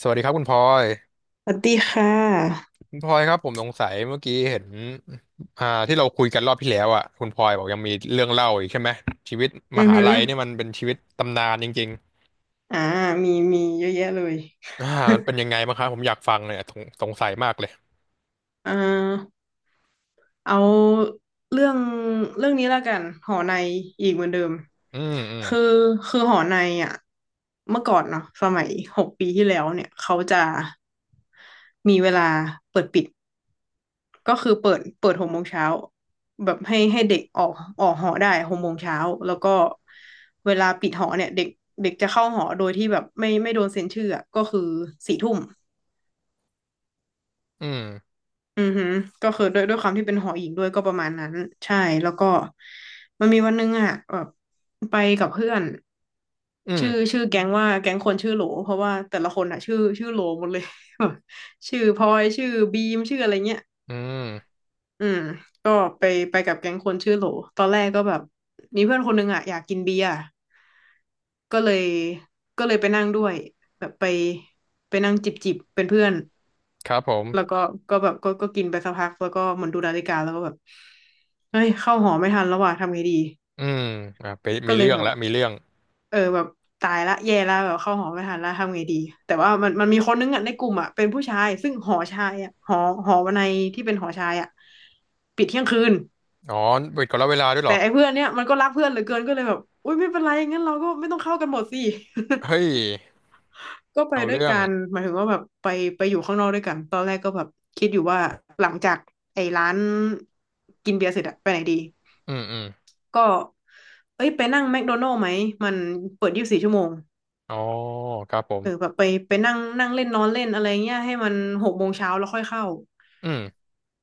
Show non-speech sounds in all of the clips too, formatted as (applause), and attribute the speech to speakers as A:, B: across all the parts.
A: สวัสดีครับคุณพลอย
B: สวัสดีค่ะ
A: คุณพลอยครับผมสงสัยเมื่อกี้เห็นที่เราคุยกันรอบที่แล้วอ่ะคุณพลอยบอกยังมีเรื่องเล่าอีกใช่ไหมชีวิตม
B: อือ
A: หา
B: หือ
A: ลัยเนี่ยมันเป็นชีวิตตำนานจริง
B: อ่ามีเยอะแยะเลย
A: ๆมันเป็นยังไงบ้างครับผมอยากฟังเลยอะสงสัยมากเลย
B: อ่าเอาเรื่อง เรื่องนี้แล้วกัน หอใน อีกเหมือนเดิม
A: อืมอืม
B: คือคือหอในอ่ะเมื่อก่อนเนาะสมัย6 ปีที่แล้วเนี่ยเขาจะมีเวลาเปิดปิด ก็คือเปิดหกโมงเช้าแบบให้เด็กออกหอได้หกโมงเช้าแล้วก็เวลาปิดหอเนี่ยเด็กเด็กจะเข้าหอโดยที่แบบไม่โดนเซ็นชื่ออะก็คือ4 ทุ่ม
A: อืม
B: อือหือก็คือด้วยความที่เป็นหออีกด้วยก็ประมาณนั้นใช่แล้วก็มันมีวันหนึงอ่ะแบบไปกับเพื่อน
A: อื
B: ชื่อ
A: ม
B: ชื่อแก๊งว่าแก๊งคนชื่อโหลเพราะว่าแต่ละคนอ่ะชื่อโหลหมดเลย (laughs) แบบชื่อพลอยชื่อบีมชื่ออะไรเงี้ย
A: อืม
B: อืมก็ไปไปกับแก๊งคนชื่อโหลตอนแรกก็แบบมีเพื่อนคนหนึงอ่ะอยากกินเบียร์ก็เลยก็เลยไปนั่งด้วยแบบไปนั่งจิบจิบเป็นเพื่อน
A: ครับผม
B: แล้วก็แบบก็กินไปสักพักแล้วก็เหมือนดูนาฬิกาแล้วก็แบบเฮ้ยเข้าหอไม่ทันแล้วว่ะทำไงดี
A: อืมไป
B: ก็
A: มี
B: เลย
A: เรื่อง
B: แบบ
A: แล้วมีเรื่อง
B: แบบตายละแย่ละแบบเข้าหอไม่ทันละทำไงดีแต่ว่ามันมีคนนึงอ่ะในกลุ่มอ่ะเป็นผู้ชายซึ่งหอชายอ่ะหอวันในที่เป็นหอชายอ่ะปิดเที่ยงคืน
A: อ๋อเปิดก่อนแล้วเวลาด้วยเหร
B: แต่
A: อ
B: ไอ้เพื่อนเนี้ยมันก็รักเพื่อนเหลือเกินก็เลยแบบอุ้ยไม่เป็นไรงั้นเราก็ไม่ต้องเข้ากันหมดสิ
A: เฮ้ย
B: (laughs) ก็ไป
A: เอา
B: ด้วย
A: เรื่อง
B: กันหมายถึงว่าแบบไปอยู่ข้างนอกด้วยกันตอนคิดอยู่ว่าหลังจากไอ้ร้านกินเบียร์เสร็จอะไปไหนดี
A: อืมอืม
B: ก็เอ้ยไปนั่งแมคโดนัลด์ไหม มันเปิด24 ชั่วโมง
A: อ๋อครับผ
B: เออแบ
A: ม
B: บไปนั่งนั่งเล่นนอนเล่นอะไรเงี้ยให้มันหกโมงเช้าแล้วค่อยเข้า
A: อื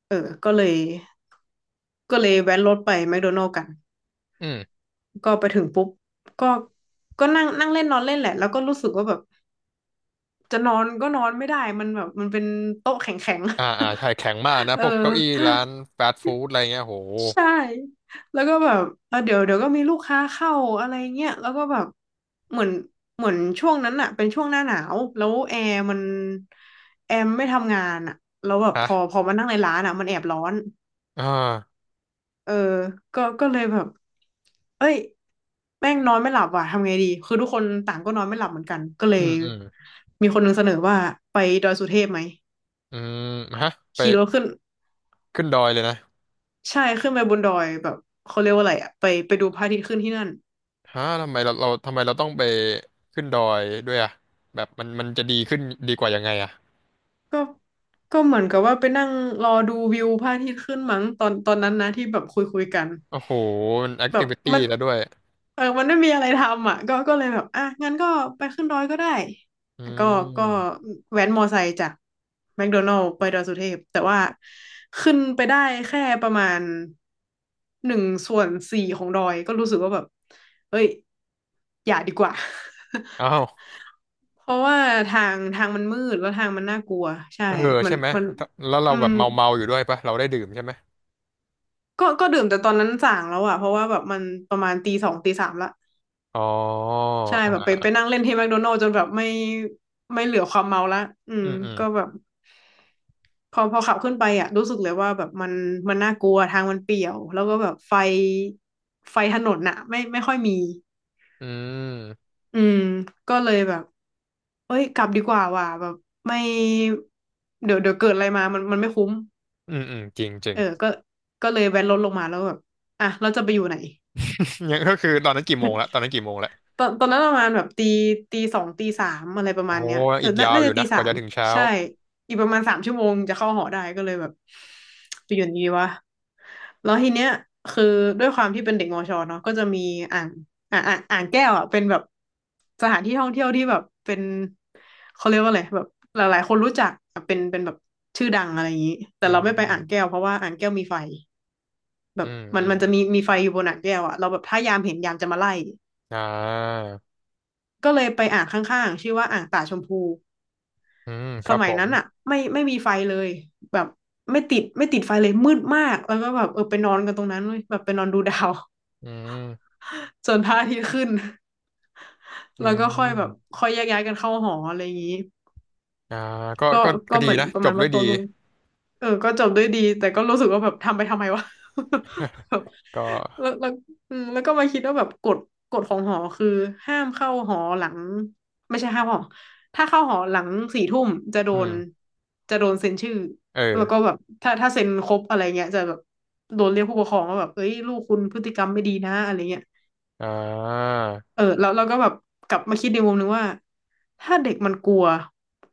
B: เออก็เลยก็เลยแวะรถไปแมคโดนัลด์กัน
A: ม
B: ก็ไปถึงปุ๊บ ก็ก็นั่งนั่งเล่นนอนเล่นแหละ แล้วก็รู้สึกว่าแบบจะนอนก็นอนไม่ได้มันแบบมันเป็นโต๊ะแข็ง
A: อ่าอ่าใช่แข็งมาก
B: ๆ
A: นะ
B: (laughs) เอ
A: พ
B: อ
A: วกเก้าอี้ร้านฟาสต์ฟู้ดอะไรเงี้ยโห
B: ใช่แล้วก็แบบเดี๋ยวเดี๋ยวก็มีลูกค้าเข้าอะไรเงี้ยแล้วก็แบบเหมือนเหมือนช่วงนั้นอะเป็นช่วงหน้าหนาวแล้วแอร์ไม่ทำงานอะแล้วแบบพ
A: ฮะ
B: อพอมานั่งในร้านอะมันแอบร้อน
A: อ่า
B: เออก็เลยแบบเอ้ยแม่งนอนไม่หลับว่ะทำไงดีคือทุกคนต่างก็นอนไม่หลับเหมือนกันก็เล
A: อื
B: ย
A: มอืม
B: มีคนหนึ่งเสนอว่าไปดอยสุเทพไหม
A: อืมฮะไป
B: ขี่รถขึ้น
A: ขึ้นดอยเลยนะ
B: ใช่ขึ้นไปบนดอยแบบเขาเรียกว่าอะไรอะไปดูพระอาทิตย์ขึ้นที่นั่น
A: ฮะทำไมเราทำไมเราต้องไปขึ้นดอยด้วยอ่ะแบบมันมันจะดีขึ้นดีกว่ายังไงอ่ะ
B: ก็ก็เหมือนกับว่าไปนั่งรอดูวิวพระอาทิตย์ขึ้นมั้งตอนนั้นนะที่แบบคุยกัน
A: โอ้โหมันแอค
B: แบ
A: ทิ
B: บ
A: วิ
B: มั
A: ตี้
B: น
A: แล้วด้วย
B: มันไม่มีอะไรทำอ่ะก็เลยแบบอ่ะงั้นก็ไปขึ้นดอยก็ได้
A: อื
B: ก็ก็
A: ม
B: แว้นมอไซค์จากแมคโดนัลด์ไปดอยสุเทพแต่ว่าขึ้นไปได้แค่ประมาณ1/4ของดอยก็รู้สึกว่าแบบเอ้ยอย่าดีกว่า
A: อ้าว
B: (laughs) เพราะว่าทางมันมืดแล้วทางมันน่ากลัวใช่
A: เออ
B: มั
A: ใช่
B: น
A: ไหม
B: มัน
A: ถ้าแล้วเรา
B: อื
A: แบ
B: ม
A: บเมาเมาอยู่ด้วยปะเราได้ดื่มใช่ไหม
B: ก็ดื่มแต่ตอนนั้นส่างแล้วอะเพราะว่าแบบมันประมาณตีสองตีสามละ
A: อ๋อ
B: ใช่แบบไป
A: อ่า
B: ไปนั่งเล่นที่แมคโดนัลด์จนแบบไม่เหลือความเมาละอื
A: อื
B: ม
A: มอืม
B: ก็แบบพอขับขึ้นไปอ่ะรู้สึกเลยว่าแบบมันน่ากลัวทางมันเปี่ยวแล้วก็แบบไฟถนนน่ะไม่ค่อยมี
A: อืม
B: อืมก็เลยแบบเอ้ยกลับดีกว่าว่ะแบบไม่เดี๋ยวเดี๋ยวเกิดอะไรมามันไม่คุ้ม
A: อืมอืมจริงจริง
B: เออก็เลยแวนรถลงมาแล้วแบบอ่ะเราจะไปอยู่ไหน
A: (laughs) ยังก็คือตอนนั้นกี่โมงละตอนนั้นกี่โมงละ
B: ตอนนั้นประมาณแบบตีสองตีสามอะไรประ
A: โอ้
B: มาณเนี้ยเอ
A: อี
B: อ
A: ก
B: น่า
A: ยาว
B: น่า
A: อยู่
B: จะตี
A: นะก
B: สา
A: ว่า
B: ม
A: จะถึงเช้า
B: ใช่อีกประมาณ3 ชั่วโมงจะเข้าหอได้ก็เลยแบบไปอยู่ดีวะแล้วทีเนี้ยคือด้วยความที่เป็นเด็กมอชอเนาะก็จะมีอ่างอ่างอ่างอ่างแก้วอ่ะเป็นแบบสถานที่ท่องเที่ยวที่แบบเป็นเขาเรียกว่าอะไรแบบหลายๆคนรู้จักอ่ะเป็นแบบชื่อดังอะไรอย่างนี้แต่
A: อื
B: เราไม่ไปอ่างแก้
A: ม
B: วเพราะว่าอ่างแก้วมีไฟแบ
A: อื
B: บ
A: ม
B: มัน
A: อืม
B: มันจะมีไฟอยู่บนอ่างแก้วอ่ะเราแบบถ้ายามเห็นยามจะมาไล่
A: อ่า
B: ก็เลยไปอ่างข้างๆชื่อว่าอ่างตาชมพู
A: อืมค
B: ส
A: รับ
B: มั
A: ผ
B: ย
A: ม
B: นั้นอ่ะไม่มีไฟเลยแบบไม่ติดไฟเลยมืดมากแล้วก็แบบไปนอนกันตรงนั้นเลยแบบไปนอนดูดาว
A: อืม
B: (laughs) จนพระอาทิตย์ขึ้น (laughs)
A: อื
B: แล้วก็ค่อยแบบ
A: ม
B: ค่อยแยกย้ายกันเข้าหออะไรอย่างนี้
A: อ่าก็
B: ก็
A: ก็
B: ก็
A: ก็ดี
B: เหมือน
A: นะ
B: ประ
A: จ
B: มา
A: บ
B: ณ
A: ด้
B: ว่า
A: วย
B: โต
A: ดี
B: วลุง เออก็จบด้วยดี แต่ก็รู้สึกว่าแบบทำไปทำไมวะ (laughs) แบบ
A: ก็
B: แล้วอืมแล้วก็มาคิดว่าแบบกฎของหอคือห้ามเข้าหอหลังไม่ใช่ห้ามหอถ้าเข้าหอหลัง4 ทุ่มจะโด
A: อื
B: น
A: ม
B: จะโดนเซ็นชื่อแล้วก็
A: เออ
B: แบบถ้าเซ็นครบอะไรเงี้ยจะแบบโดนเรียกผู้ปกครองว่าแบบเอ้ยลูกคุณพฤติกรรมไม่ดีนะอะไรเงี้ย
A: อ่า
B: เออแล้วเราก็แบบกลับมาคิดในมุมนึงว่าถ้าเด็กมันกลัว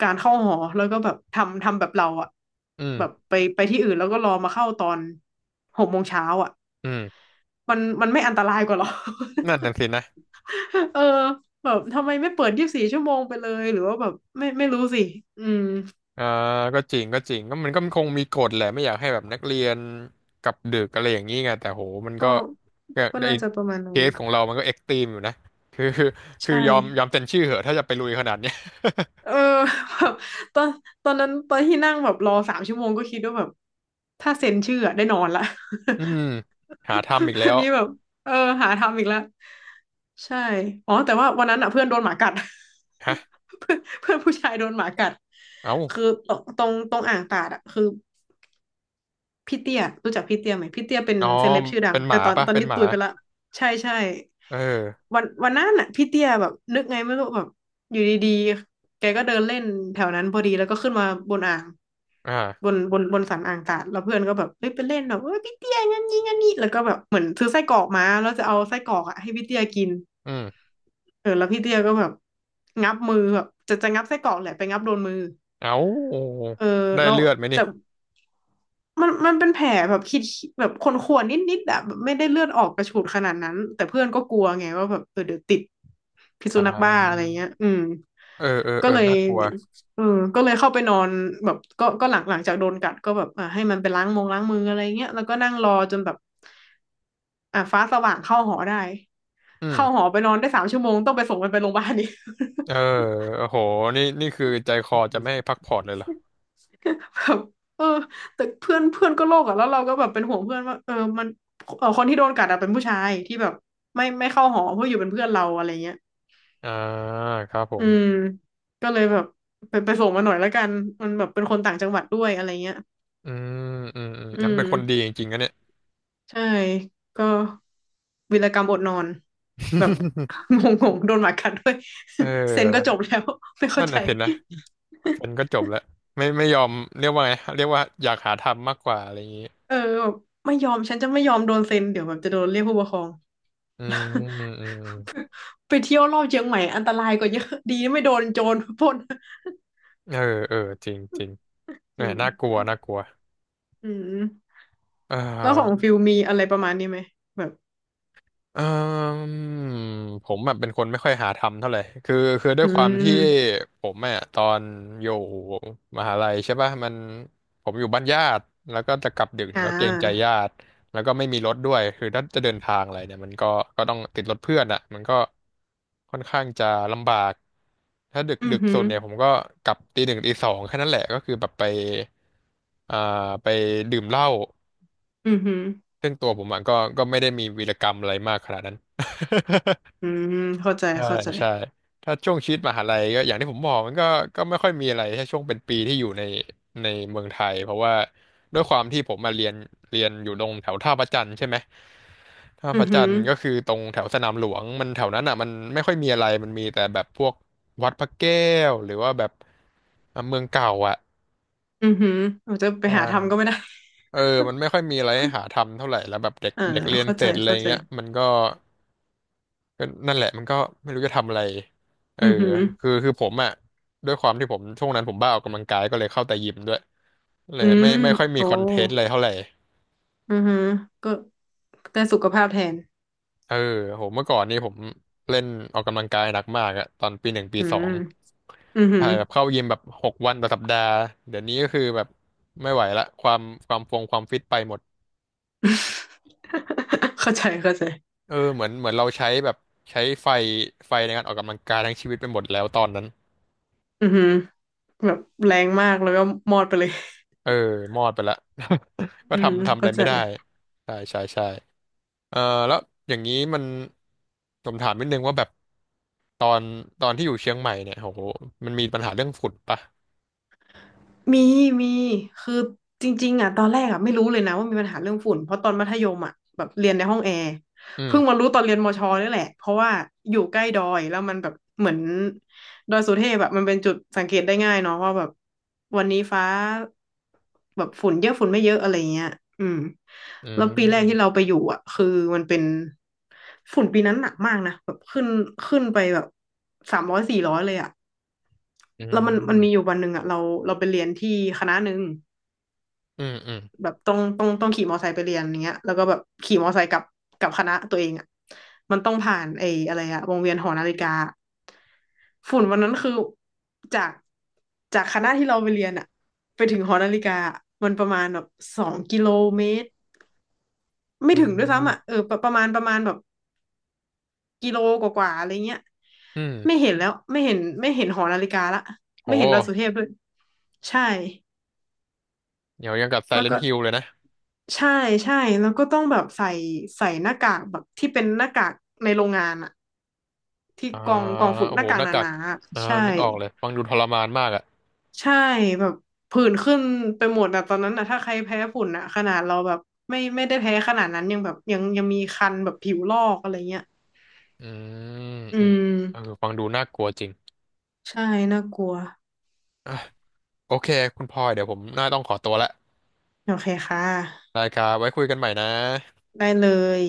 B: การเข้าหอแล้วก็แบบทำแบบเราอะ
A: อื
B: แบบ
A: ม
B: ไปที่อื่นแล้วก็รอมาเข้าตอน6 โมงเช้าอะ
A: อืม
B: มันไม่อันตรายกว่าหรอ
A: นั่นน่ะสินะ
B: (laughs) เออแบบทำไมไม่เปิด24 ชั่วโมงไปเลยหรือว่าแบบไม่รู้สิอืม
A: อ่าก็จริงก็จริงก็มันก็คงมีกฎแหละไม่อยากให้แบบนักเรียนกลับดึกอะไรอย่างนี้ไงแต่โหมัน
B: ก็
A: ก็ก็
B: ก็
A: ไอ
B: น่าจะประมาณ
A: เค
B: นั้น
A: สของเรามันก็เอ็กซ์ตรีมอยู่นะคือคือ
B: ใช่
A: ยอมเซ็นชื่อเหอะถ้าจะไปลุยขนาดเนี้ย
B: เออ (laughs) แบบตอนตอนนั้นตอนที่นั่งแบบรอสามชั่วโมงก็คิดว่าแบบถ้าเซ็นชื่ออะได้นอนละ
A: อืมหาทำอีก
B: (laughs)
A: แล้
B: อัน
A: ว
B: นี้แบบเออหาทำอีกแล้วใช่ อ๋อแต่ว่าวันนั้นอ่ะเพื่อนโดนหมากัด
A: ฮะ
B: (laughs) เพื่อนเพื่อนผู้ชายโดนหมากัด
A: เอ้า
B: คือตรงอ่างตาดอ่ะคือ พี่เตี้ยรู้จักพี่เตี้ยไหมพี่เตี้ยเป็น
A: อ๋อ
B: เซเลบชื่อดัง
A: เป็นห
B: แต่
A: มา
B: ตอน
A: ปะ
B: ตอน
A: เป็น
B: นี้
A: หมา
B: ตุยไปละใช่ใช่
A: เออ
B: วันนั้นน่ะพี่เตี้ยแบบนึกไงไม่รู้แบบอยู่ดีๆแกก็เดินเล่นแถวนั้นพอดีแล้วก็ขึ้นมาบนอ่าง
A: อ่า
B: บนสันอ่างตาดแล้วเพื่อนก็แบบเฮ้ยไปเล่นแบบเฮ้ยพี่เตี้ยงั้นยิงงั้นนี่แล้วก็แบบเหมือนซื้อไส้กรอกมาแล้วจะเอาไส้กรอกอ่ะให้พี่เตี้ยกิน
A: อืม
B: เออแล้วพี่เตี้ยก็แบบงับมือแบบจะงับไส้กรอกแหละไปงับโดนมือ
A: เอ้า
B: เออ
A: ได้
B: แล้ว
A: เลือดไหมนี่
B: แต่ มันเป็นแผลแบบคิดแบบคนข่วนๆนิดๆอะแบบไม่ได้เลือดออกกระฉูดขนาดนั้นแต่เพื่อนก็กลัวไงว่าแบบเออเดี๋ยวติดพิษ
A: อ่
B: สุนัขบ้าอะไร
A: า
B: เงี้ยอืม
A: เออเออ
B: ก็
A: เออ
B: เลย
A: น่ากลัว
B: เออก็เลยเข้าไปนอนแบบก็หลังจากโดนกัดก็แบบอ่าให้มันไปล้างมืออะไรเงี้ยแล้วก็นั่งรอจนแบบอ่าฟ้าสว่างเข้าหอได้
A: อืม
B: เข้าหอไปนอนได้สามชั่วโมงต้องไปส่งมันไปโรงพยาบาลนี่
A: เออ
B: (laughs)
A: โอ้โหนี่นี่คือใจคอจะไม่ให้พักผ่อนเลยเหรอ
B: แบบเออแต่เพื่อนเพื่อนก็โลกอะแล้วเราก็แบบเป็นห่วงเพื่อนว่าเออมันเออคนที่โดนกัดอะเป็นผู้ชายที่แบบไม่เข้าหอเพื่ออยู่เป็นเพื่อนเราอะไรเงี้ย
A: อ่าครับผ
B: อื
A: ม
B: มก็เลยแบบไปส่งมาหน่อยแล้วกันมันแบบเป็นคนต่างจังหวัดด้วยอะไรเงี้ย
A: อืมอืมอืม
B: อื
A: แล้ว
B: ม
A: เป็นคนดีจริงๆนะเนี่ย
B: ใช่ก็วีรกรรมอดนอนแบบงงๆโดนหมากัดด้วย
A: เ
B: (laughs) เซ็นก็จ
A: ออ
B: บแล้วไม่เข้า
A: นั่น
B: ใจ
A: น่ะสินะฉันก็จบแล้วไม่ยอมเรียกว่าไงเรียกว่าอยากหาทำมากกว่าอะไรอย่างนี้
B: เออแบบไม่ยอมฉันจะไม่ยอมโดนเซ็นเดี๋ยวแบบจะโดนเรียกผู้ปกครอง
A: อืม
B: (laughs)
A: อืมอืม
B: ไปเที่ยวรอบเชียงใหม่อันตรายกว่าเยอะดีไม่โดนโจรปล้น
A: เออเออจริงจริง
B: จ
A: เนี่
B: ริ
A: ย
B: ง
A: น่ากลัวน่ากลัว
B: อืม
A: เอ่อ
B: แล้วของฟิลมีอะไรประมาณนี้ไหมแบบ
A: เอ่มผมแบบเป็นคนไม่ค่อยหาทำเท่าไหร่คือคือด้ว
B: อื
A: ยความที่
B: ม
A: ผมอ่ะตอนอยู่มหาลัยใช่ป่ะมันผมอยู่บ้านญาติแล้วก็จะกลับดึก
B: อ่
A: เนี่ยก็เกรงใจ
B: า
A: ญาติ แล้วก็ไม่มีรถด้วยคือถ้าจะเดินทางอะไรเนี่ยมันก็ก็ต้องติดรถเพื่อนอ่ะมันก็ค่อนข้างจะลำบาก ถ้าดึก
B: อื
A: ดึ
B: อ
A: ก
B: หื
A: สุ
B: อ
A: ดเนี่ยผมก็กลับตีหนึ่งตีสองแค่นั้นแหละก็คือแบบไปอ่าไปดื่มเหล้า
B: อือหือ
A: ซึ่งตัวผมอะก็ก็ไม่ได้มีวีรกรรมอะไรมากขนาดนั้น
B: อืมเข้าใจ
A: (laughs) ใช่
B: เข้าใจ
A: (laughs) ใช่ถ้าช่วงชีวิตมหาลัยก็อย่างที่ผมบอกมันก็ก็ไม่ค่อยมีอะไรถ้าช่วงเป็นปีที่อยู่ในในเมืองไทยเพราะว่าด้วยความที่ผมมาเรียนเรียนอยู่ตรงแถวท่าพระจันทร์ใช่ไหมท่า
B: อื
A: พ
B: อ
A: ระ
B: หื
A: จัน
B: อ
A: ทร์ก็คือตรงแถวสนามหลวงมันแถวนั้นอ่ะมันไม่ค่อยมีอะไรมันมีแต่แบบพวกวัดพระแก้วหรือว่าแบบอ่ะเมืองเก่าอ่ะ
B: อือหือเราจะไป
A: ใช่
B: หาทำก็ไม่ได้
A: เออมัน
B: (laughs)
A: ไม่ค่อยมีอะไรให้หาทำเท่าไหร่แล้วแบบเด็ก
B: เ่า
A: เด็กเรียน
B: เข้า
A: เส
B: ใจ
A: ร็จอะไร
B: เข้าใจ
A: เงี้ยมันก็ ก็นั่นแหละมันก็ไม่รู้จะทำอะไรเออ
B: อือหือ
A: คือคือผมอ่ะด้วยความที่ผมช่วงนั้นผมบ้าออกกำลังกายก็เลยเข้าแต่ยิมด้วยเล
B: อื
A: ยไม่
B: ม
A: ไม่ค่อยมี
B: โอ้
A: คอนเทนต์อะไรเท่าไหร่
B: อือหือก็ได้สุขภาพแทน
A: เออโหเมื่อก่อนนี่ผมเล่นออกกำลังกายหนักมากอะตอนปีหนึ่งปี
B: อื
A: สอ
B: ม
A: ง
B: อือหือ
A: ถ่ายแบบเข้ายิมแบบหกวันต่อสัปดาห์เดี๋ยวนี้ก็คือแบบไม่ไหวละความความฟงความฟิตไปหมด
B: (laughs) เข้าใจเข้าใจ
A: เออเหมือนเหมือนเราใช้แบบใช้ไฟไฟในการออกกำลังกายทั้งชีวิตไปหมดแล้วตอนนั้น
B: อือหือแบบแรงมากแล้วก็มอดไปเลย
A: เออมอดไปละ (laughs) ก็
B: อืม
A: ทำทำอะไร
B: เข้าใจ
A: ไม่ได้ใช่ใช่ใช่เออแล้วอย่างนี้มันผมถามนิดนึงว่าแบบตอนตอนที่อยู่เชียงใหม่เนี่ยโหมันมีปัญหาเรื่องฝุ่นปะ
B: มีมีคือจริงๆอ่ะตอนแรกอ่ะไม่รู้เลยนะว่ามีปัญหาเรื่องฝุ่นเพราะตอนมัธยมอ่ะแบบเรียนในห้องแอร์
A: อืม
B: เพิ่งมารู้ตอนเรียนมชนี่แหละเพราะว่าอยู่ใกล้ดอยแล้วมันแบบเหมือนดอยสุเทพแบบมันเป็นจุดสังเกตได้ง่ายเนาะว่าแบบวันนี้ฟ้าแบบฝุ่นเยอะฝุ่นไม่เยอะอะไรเงี้ยอืม
A: อื
B: แล้วปีแรกที่เรา
A: ม
B: ไปอยู่อ่ะคือมันเป็นฝุ่นปีนั้นหนักมากนะแบบขึ้นไปแบบ300 400เลยอ่ะ
A: อื
B: แล้วมันมีอยู่
A: ม
B: วันหนึ่งอ่ะเราไปเรียนที่คณะหนึ่ง
A: อืมอืม
B: แบบต้องขี่มอไซค์ไปเรียนอย่างเงี้ยแล้วก็แบบขี่มอไซค์กลับกลับคณะตัวเองอ่ะมันต้องผ่านไอ้อะไรอ่ะวงเวียนหอนาฬิกาฝุ่นวันนั้นคือจากจากคณะที่เราไปเรียนอ่ะไปถึงหอนาฬิกาอะมันประมาณแบบ2 กิโลเมตรไม่
A: อื
B: ถึงด้วยซ้ำอ่ะ
A: ม
B: เออประมาณแบบกิโลกว่าๆอะไรเงี้ย
A: อืม
B: ไม่เห็นแล้วไม่เห็นไม่เห็นหอนาฬิกาละ
A: โห
B: ไม่เห็นดาวสุเทพด้วยใช่
A: เดี๋ยวยังกับไซ
B: แล้ว
A: เลน
B: ก็
A: t h ฮิลเลยนะ
B: ใช่ใช่แล้วก็ต้องแบบใส่หน้ากากแบบที่เป็นหน้ากากในโรงงานอะที่
A: อ่า
B: กองฝุ่น
A: โอ้
B: ห
A: โห
B: น้ากา
A: ห
B: ก
A: น้า
B: ห
A: กาก
B: นาๆอะ
A: อ่า
B: ใช่
A: นึกออกเลยฟังดูทรมานมากอ่ะ
B: ใช่แบบผื่นขึ้นไปหมดอะตอนนั้นอะถ้าใครแพ้ฝุ่นอะขนาดเราแบบไม่ได้แพ้ขนาดนั้นยังแบบยังมีคันแบบผิวลอกอะไรเงี้ย
A: อืม
B: อื
A: อืม
B: ม
A: เออฟังดูน่ากลัวจริง
B: ใช่น่ากลัว
A: อ่ะโอเคคุณพลอยเดี๋ยวผมน่าต้องขอตัวละ
B: โอเคค่ะ
A: ได้ครับไว้คุยกันใหม่นะ
B: ได้เลย